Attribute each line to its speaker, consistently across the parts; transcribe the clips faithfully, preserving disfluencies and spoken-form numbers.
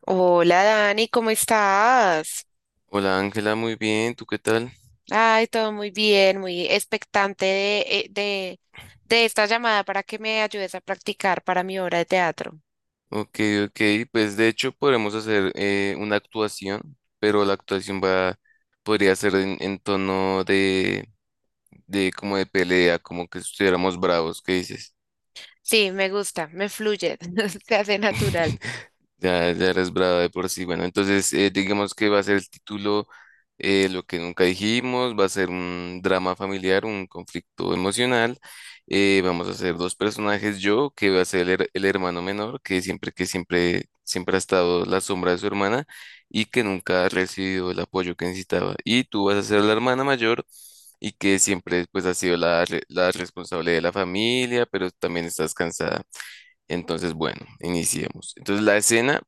Speaker 1: Hola Dani, ¿cómo estás?
Speaker 2: Hola Ángela, muy bien, ¿tú qué tal?
Speaker 1: Ay, todo muy bien, muy expectante de, eh, de, de esta llamada para que me ayudes a practicar para mi obra de teatro.
Speaker 2: Ok, ok, pues de hecho podemos hacer eh, una actuación, pero la actuación va, podría ser en, en tono de, de como de pelea, como que estuviéramos bravos, ¿qué dices?
Speaker 1: Sí, me gusta, me fluye, se hace natural.
Speaker 2: Ya, ya eres brava de por sí. Bueno, entonces eh, digamos que va a ser el título eh, Lo que nunca dijimos, va a ser un drama familiar, un conflicto emocional. eh, vamos a hacer dos personajes, yo, que va a ser el, her- el hermano menor, que siempre, que siempre, siempre ha estado la sombra de su hermana y que nunca ha recibido el apoyo que necesitaba. Y tú vas a ser la hermana mayor y que siempre pues ha sido la, re- la responsable de la familia, pero también estás cansada. Entonces, bueno, iniciemos. Entonces, la escena,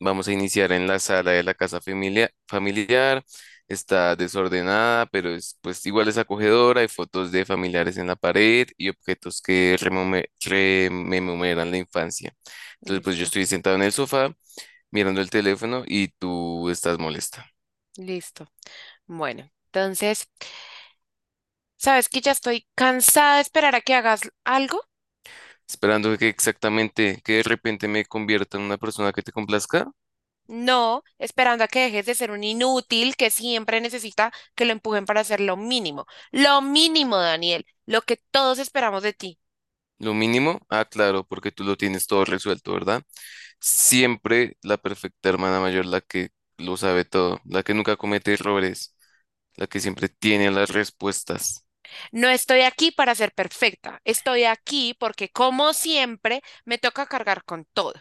Speaker 2: vamos a iniciar en la sala de la casa familia- familiar. Está desordenada, pero es, pues igual es acogedora. Hay fotos de familiares en la pared y objetos que remome- rememoran la infancia. Entonces, pues yo
Speaker 1: Listo,
Speaker 2: estoy sentado en el sofá mirando el teléfono y tú estás molesta,
Speaker 1: listo. Bueno, entonces, ¿sabes que ya estoy cansada de esperar a que hagas algo?
Speaker 2: esperando que exactamente, que de repente me convierta en una persona que te complazca.
Speaker 1: No, esperando a que dejes de ser un inútil que siempre necesita que lo empujen para hacer lo mínimo. Lo mínimo, Daniel, lo que todos esperamos de ti.
Speaker 2: Lo mínimo, ah, claro, porque tú lo tienes todo resuelto, ¿verdad? Siempre la perfecta hermana mayor, la que lo sabe todo, la que nunca comete errores, la que siempre tiene las respuestas.
Speaker 1: No estoy aquí para ser perfecta, estoy aquí porque como siempre me toca cargar con todo.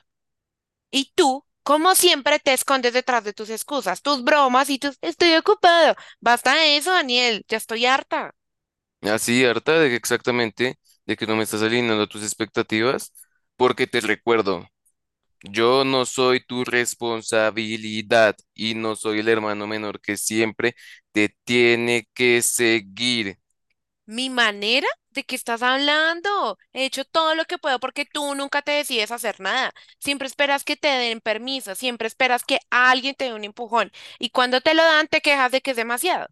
Speaker 1: Y tú, como siempre, te escondes detrás de tus excusas, tus bromas y tus estoy ocupado. Basta de eso, Daniel, ya estoy harta.
Speaker 2: Así, harta de que exactamente, de que no me estás alineando a tus expectativas, porque te recuerdo, yo no soy tu responsabilidad y no soy el hermano menor que siempre te tiene que seguir.
Speaker 1: Mi manera. ¿De qué estás hablando? He hecho todo lo que puedo porque tú nunca te decides hacer nada. Siempre esperas que te den permiso, siempre esperas que alguien te dé un empujón. Y cuando te lo dan, te quejas de que es demasiado.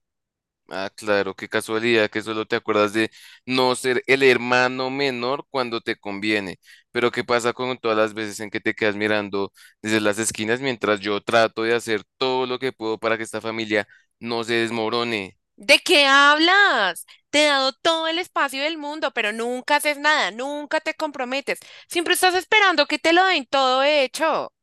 Speaker 2: Ah, claro, qué casualidad que solo te acuerdas de no ser el hermano menor cuando te conviene. Pero ¿qué pasa con todas las veces en que te quedas mirando desde las esquinas mientras yo trato de hacer todo lo que puedo para que esta familia no se desmorone?
Speaker 1: ¿De qué hablas? Te he dado todo el espacio del mundo, pero nunca haces nada, nunca te comprometes. Siempre estás esperando que te lo den todo hecho.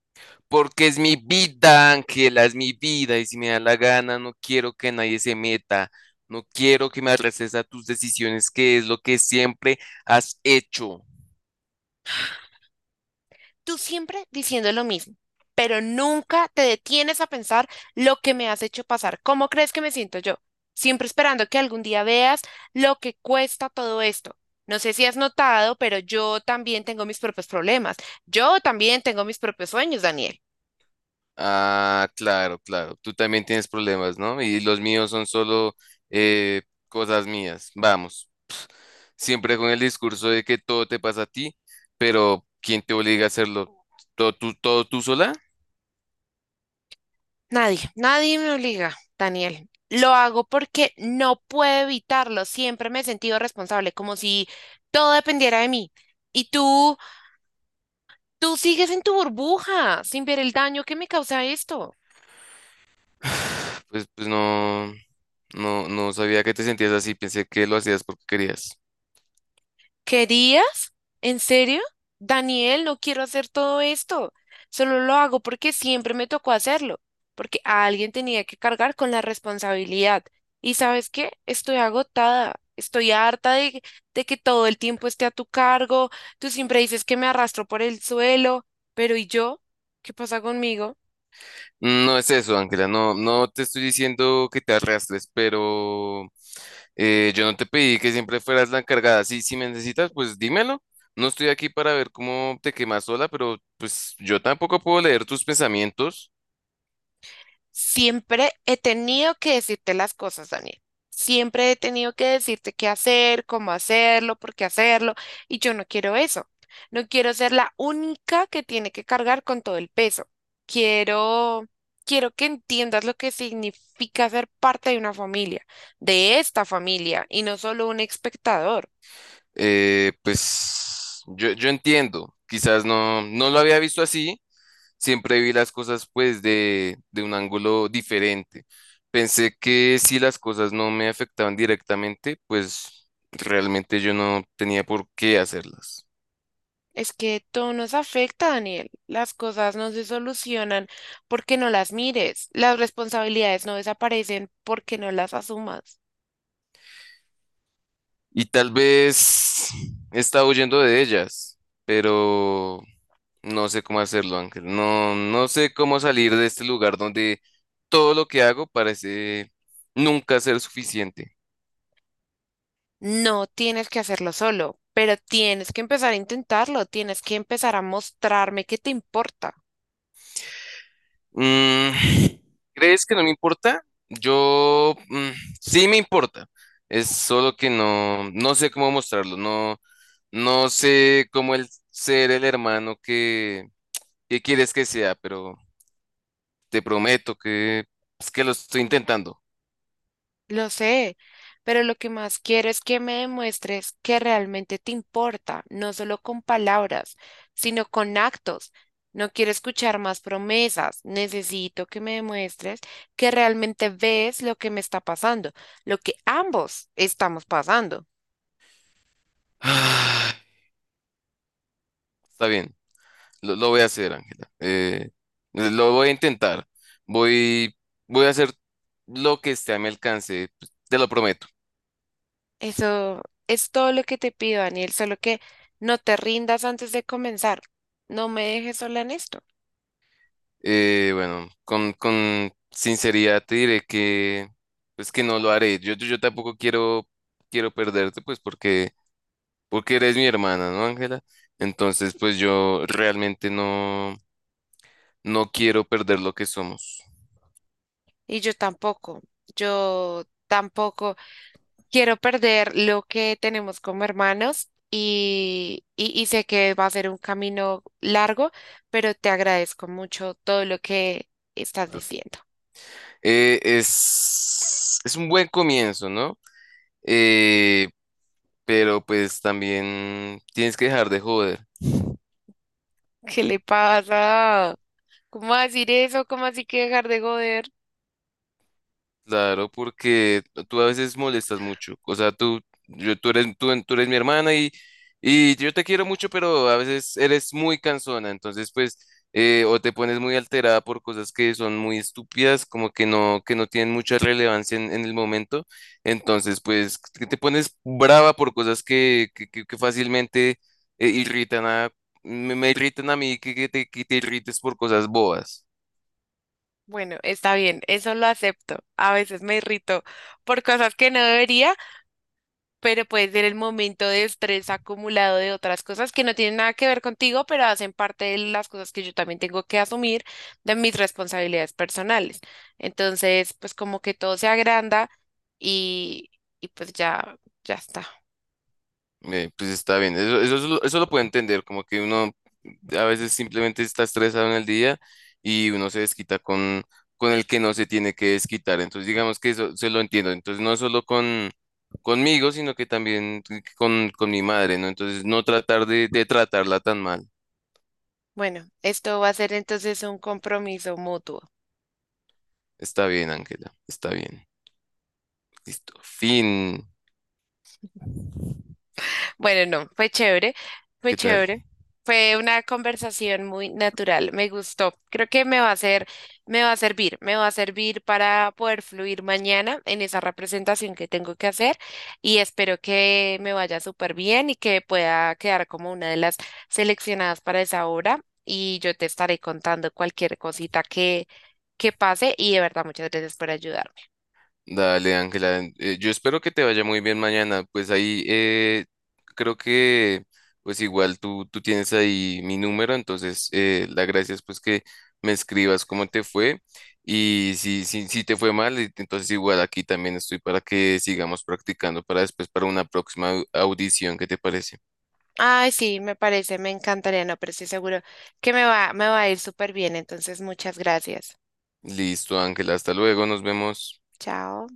Speaker 2: Porque es mi vida, Ángela, es mi vida y si me da la gana no quiero que nadie se meta. No quiero que me arrestes a tus decisiones, que es lo que siempre has hecho.
Speaker 1: Tú siempre diciendo lo mismo, pero nunca te detienes a pensar lo que me has hecho pasar. ¿Cómo crees que me siento yo? Siempre esperando que algún día veas lo que cuesta todo esto. No sé si has notado, pero yo también tengo mis propios problemas. Yo también tengo mis propios sueños, Daniel.
Speaker 2: Ah, claro, claro. Tú también tienes problemas, ¿no? Y los míos son solo eh, cosas mías. Vamos. Siempre con el discurso de que todo te pasa a ti, pero ¿quién te obliga a hacerlo? ¿Todo tú, todo tú sola?
Speaker 1: Nadie, nadie me obliga, Daniel. Lo hago porque no puedo evitarlo. Siempre me he sentido responsable, como si todo dependiera de mí. Y tú, tú sigues en tu burbuja sin ver el daño que me causa esto.
Speaker 2: Pues, pues no, no, no sabía que te sentías así. Pensé que lo hacías porque querías.
Speaker 1: ¿Querías? ¿En serio? Daniel, no quiero hacer todo esto. Solo lo hago porque siempre me tocó hacerlo, porque a alguien tenía que cargar con la responsabilidad. ¿Y sabes qué? Estoy agotada. Estoy harta de, de que todo el tiempo esté a tu cargo. Tú siempre dices que me arrastro por el suelo, pero ¿y yo? ¿Qué pasa conmigo?
Speaker 2: No es eso, Ángela, no, no te estoy diciendo que te arrastres, pero eh, yo no te pedí que siempre fueras la encargada. Sí, si me necesitas, pues dímelo. No estoy aquí para ver cómo te quemas sola, pero pues yo tampoco puedo leer tus pensamientos.
Speaker 1: Siempre he tenido que decirte las cosas, Daniel. Siempre he tenido que decirte qué hacer, cómo hacerlo, por qué hacerlo, y yo no quiero eso. No quiero ser la única que tiene que cargar con todo el peso. Quiero, quiero que entiendas lo que significa ser parte de una familia, de esta familia, y no solo un espectador.
Speaker 2: Eh, pues yo, yo entiendo, quizás no, no lo había visto así, siempre vi las cosas pues de, de un ángulo diferente. Pensé que si las cosas no me afectaban directamente, pues realmente yo no tenía por qué hacerlas.
Speaker 1: Es que todo nos afecta, Daniel. Las cosas no se solucionan porque no las mires. Las responsabilidades no desaparecen porque no las asumas.
Speaker 2: Y tal vez he estado huyendo de ellas, pero no sé cómo hacerlo, Ángel. No, no sé cómo salir de este lugar donde todo lo que hago parece nunca ser suficiente.
Speaker 1: No tienes que hacerlo solo, pero tienes que empezar a intentarlo. Tienes que empezar a mostrarme que te importa.
Speaker 2: Mm, ¿crees que no me importa? Yo mm, sí me importa. Es solo que no, no sé cómo mostrarlo. No, no sé cómo el ser el hermano que, que quieres que sea, pero te prometo que es que lo estoy intentando.
Speaker 1: Lo sé, pero lo que más quiero es que me demuestres que realmente te importa, no solo con palabras, sino con actos. No quiero escuchar más promesas, necesito que me demuestres que realmente ves lo que me está pasando, lo que ambos estamos pasando.
Speaker 2: Ah, está bien, lo, lo voy a hacer, Ángela. Eh, lo voy a intentar. Voy, voy a hacer lo que esté a mi alcance. Te lo prometo.
Speaker 1: Eso es todo lo que te pido, Daniel, solo que no te rindas antes de comenzar. No me dejes sola en esto.
Speaker 2: Eh, bueno, con, con sinceridad te diré que, pues que no lo haré. Yo, yo, yo tampoco quiero, quiero perderte, pues porque, porque eres mi hermana, ¿no, Ángela? Entonces, pues yo realmente no, no quiero perder lo que somos.
Speaker 1: Y yo tampoco, yo tampoco. Quiero perder lo que tenemos como hermanos y, y, y sé que va a ser un camino largo, pero te agradezco mucho todo lo que estás diciendo.
Speaker 2: Eh, es, es un buen comienzo, ¿no? Eh, pero pues también tienes que dejar de joder.
Speaker 1: ¿Qué le pasa? ¿Cómo va a decir eso? ¿Cómo así que dejar de joder?
Speaker 2: Claro, porque tú a veces molestas mucho. O sea, tú, yo, tú eres, tú, tú eres mi hermana y, y yo te quiero mucho, pero a veces eres muy cansona. Entonces, pues, eh, o te pones muy alterada por cosas que son muy estúpidas, como que no, que no tienen mucha relevancia en, en el momento. Entonces, pues, que te pones brava por cosas que, que, que- que fácilmente eh, irritan a, me, me irritan a mí, que, que te, que te irrites por cosas bobas.
Speaker 1: Bueno, está bien, eso lo acepto. A veces me irrito por cosas que no debería, pero puede ser el momento de estrés acumulado de otras cosas que no tienen nada que ver contigo, pero hacen parte de las cosas que yo también tengo que asumir de mis responsabilidades personales. Entonces, pues como que todo se agranda y, y pues ya, ya está.
Speaker 2: Eh, pues está bien, eso, eso, eso lo eso lo puedo entender, como que uno a veces simplemente está estresado en el día y uno se desquita con, con el que no se tiene que desquitar, entonces digamos que eso se lo entiendo, entonces no solo con conmigo, sino que también con, con mi madre, ¿no? Entonces no tratar de, de tratarla tan mal.
Speaker 1: Bueno, esto va a ser entonces un compromiso mutuo.
Speaker 2: Está bien, Ángela, está bien. Listo, fin.
Speaker 1: Bueno, no, fue chévere, fue
Speaker 2: ¿Qué tal?
Speaker 1: chévere. Fue una conversación muy natural, me gustó. Creo que me va a hacer, me va a servir, me va a servir para poder fluir mañana en esa representación que tengo que hacer y espero que me vaya súper bien y que pueda quedar como una de las seleccionadas para esa obra y yo te estaré contando cualquier cosita que, que pase y de verdad muchas gracias por ayudar.
Speaker 2: Dale, Ángela. eh, yo espero que te vaya muy bien mañana. Pues ahí eh, creo que pues igual tú, tú tienes ahí mi número, entonces eh, la gracia es pues que me escribas cómo te fue y si, si, si te fue mal, y entonces igual aquí también estoy para que sigamos practicando para después para una próxima au- audición. ¿Qué te parece?
Speaker 1: Ay, sí, me parece, me encantaría, no, pero estoy seguro que me va, me va a ir súper bien. Entonces, muchas gracias.
Speaker 2: Listo, Ángela. Hasta luego, nos vemos.
Speaker 1: Chao.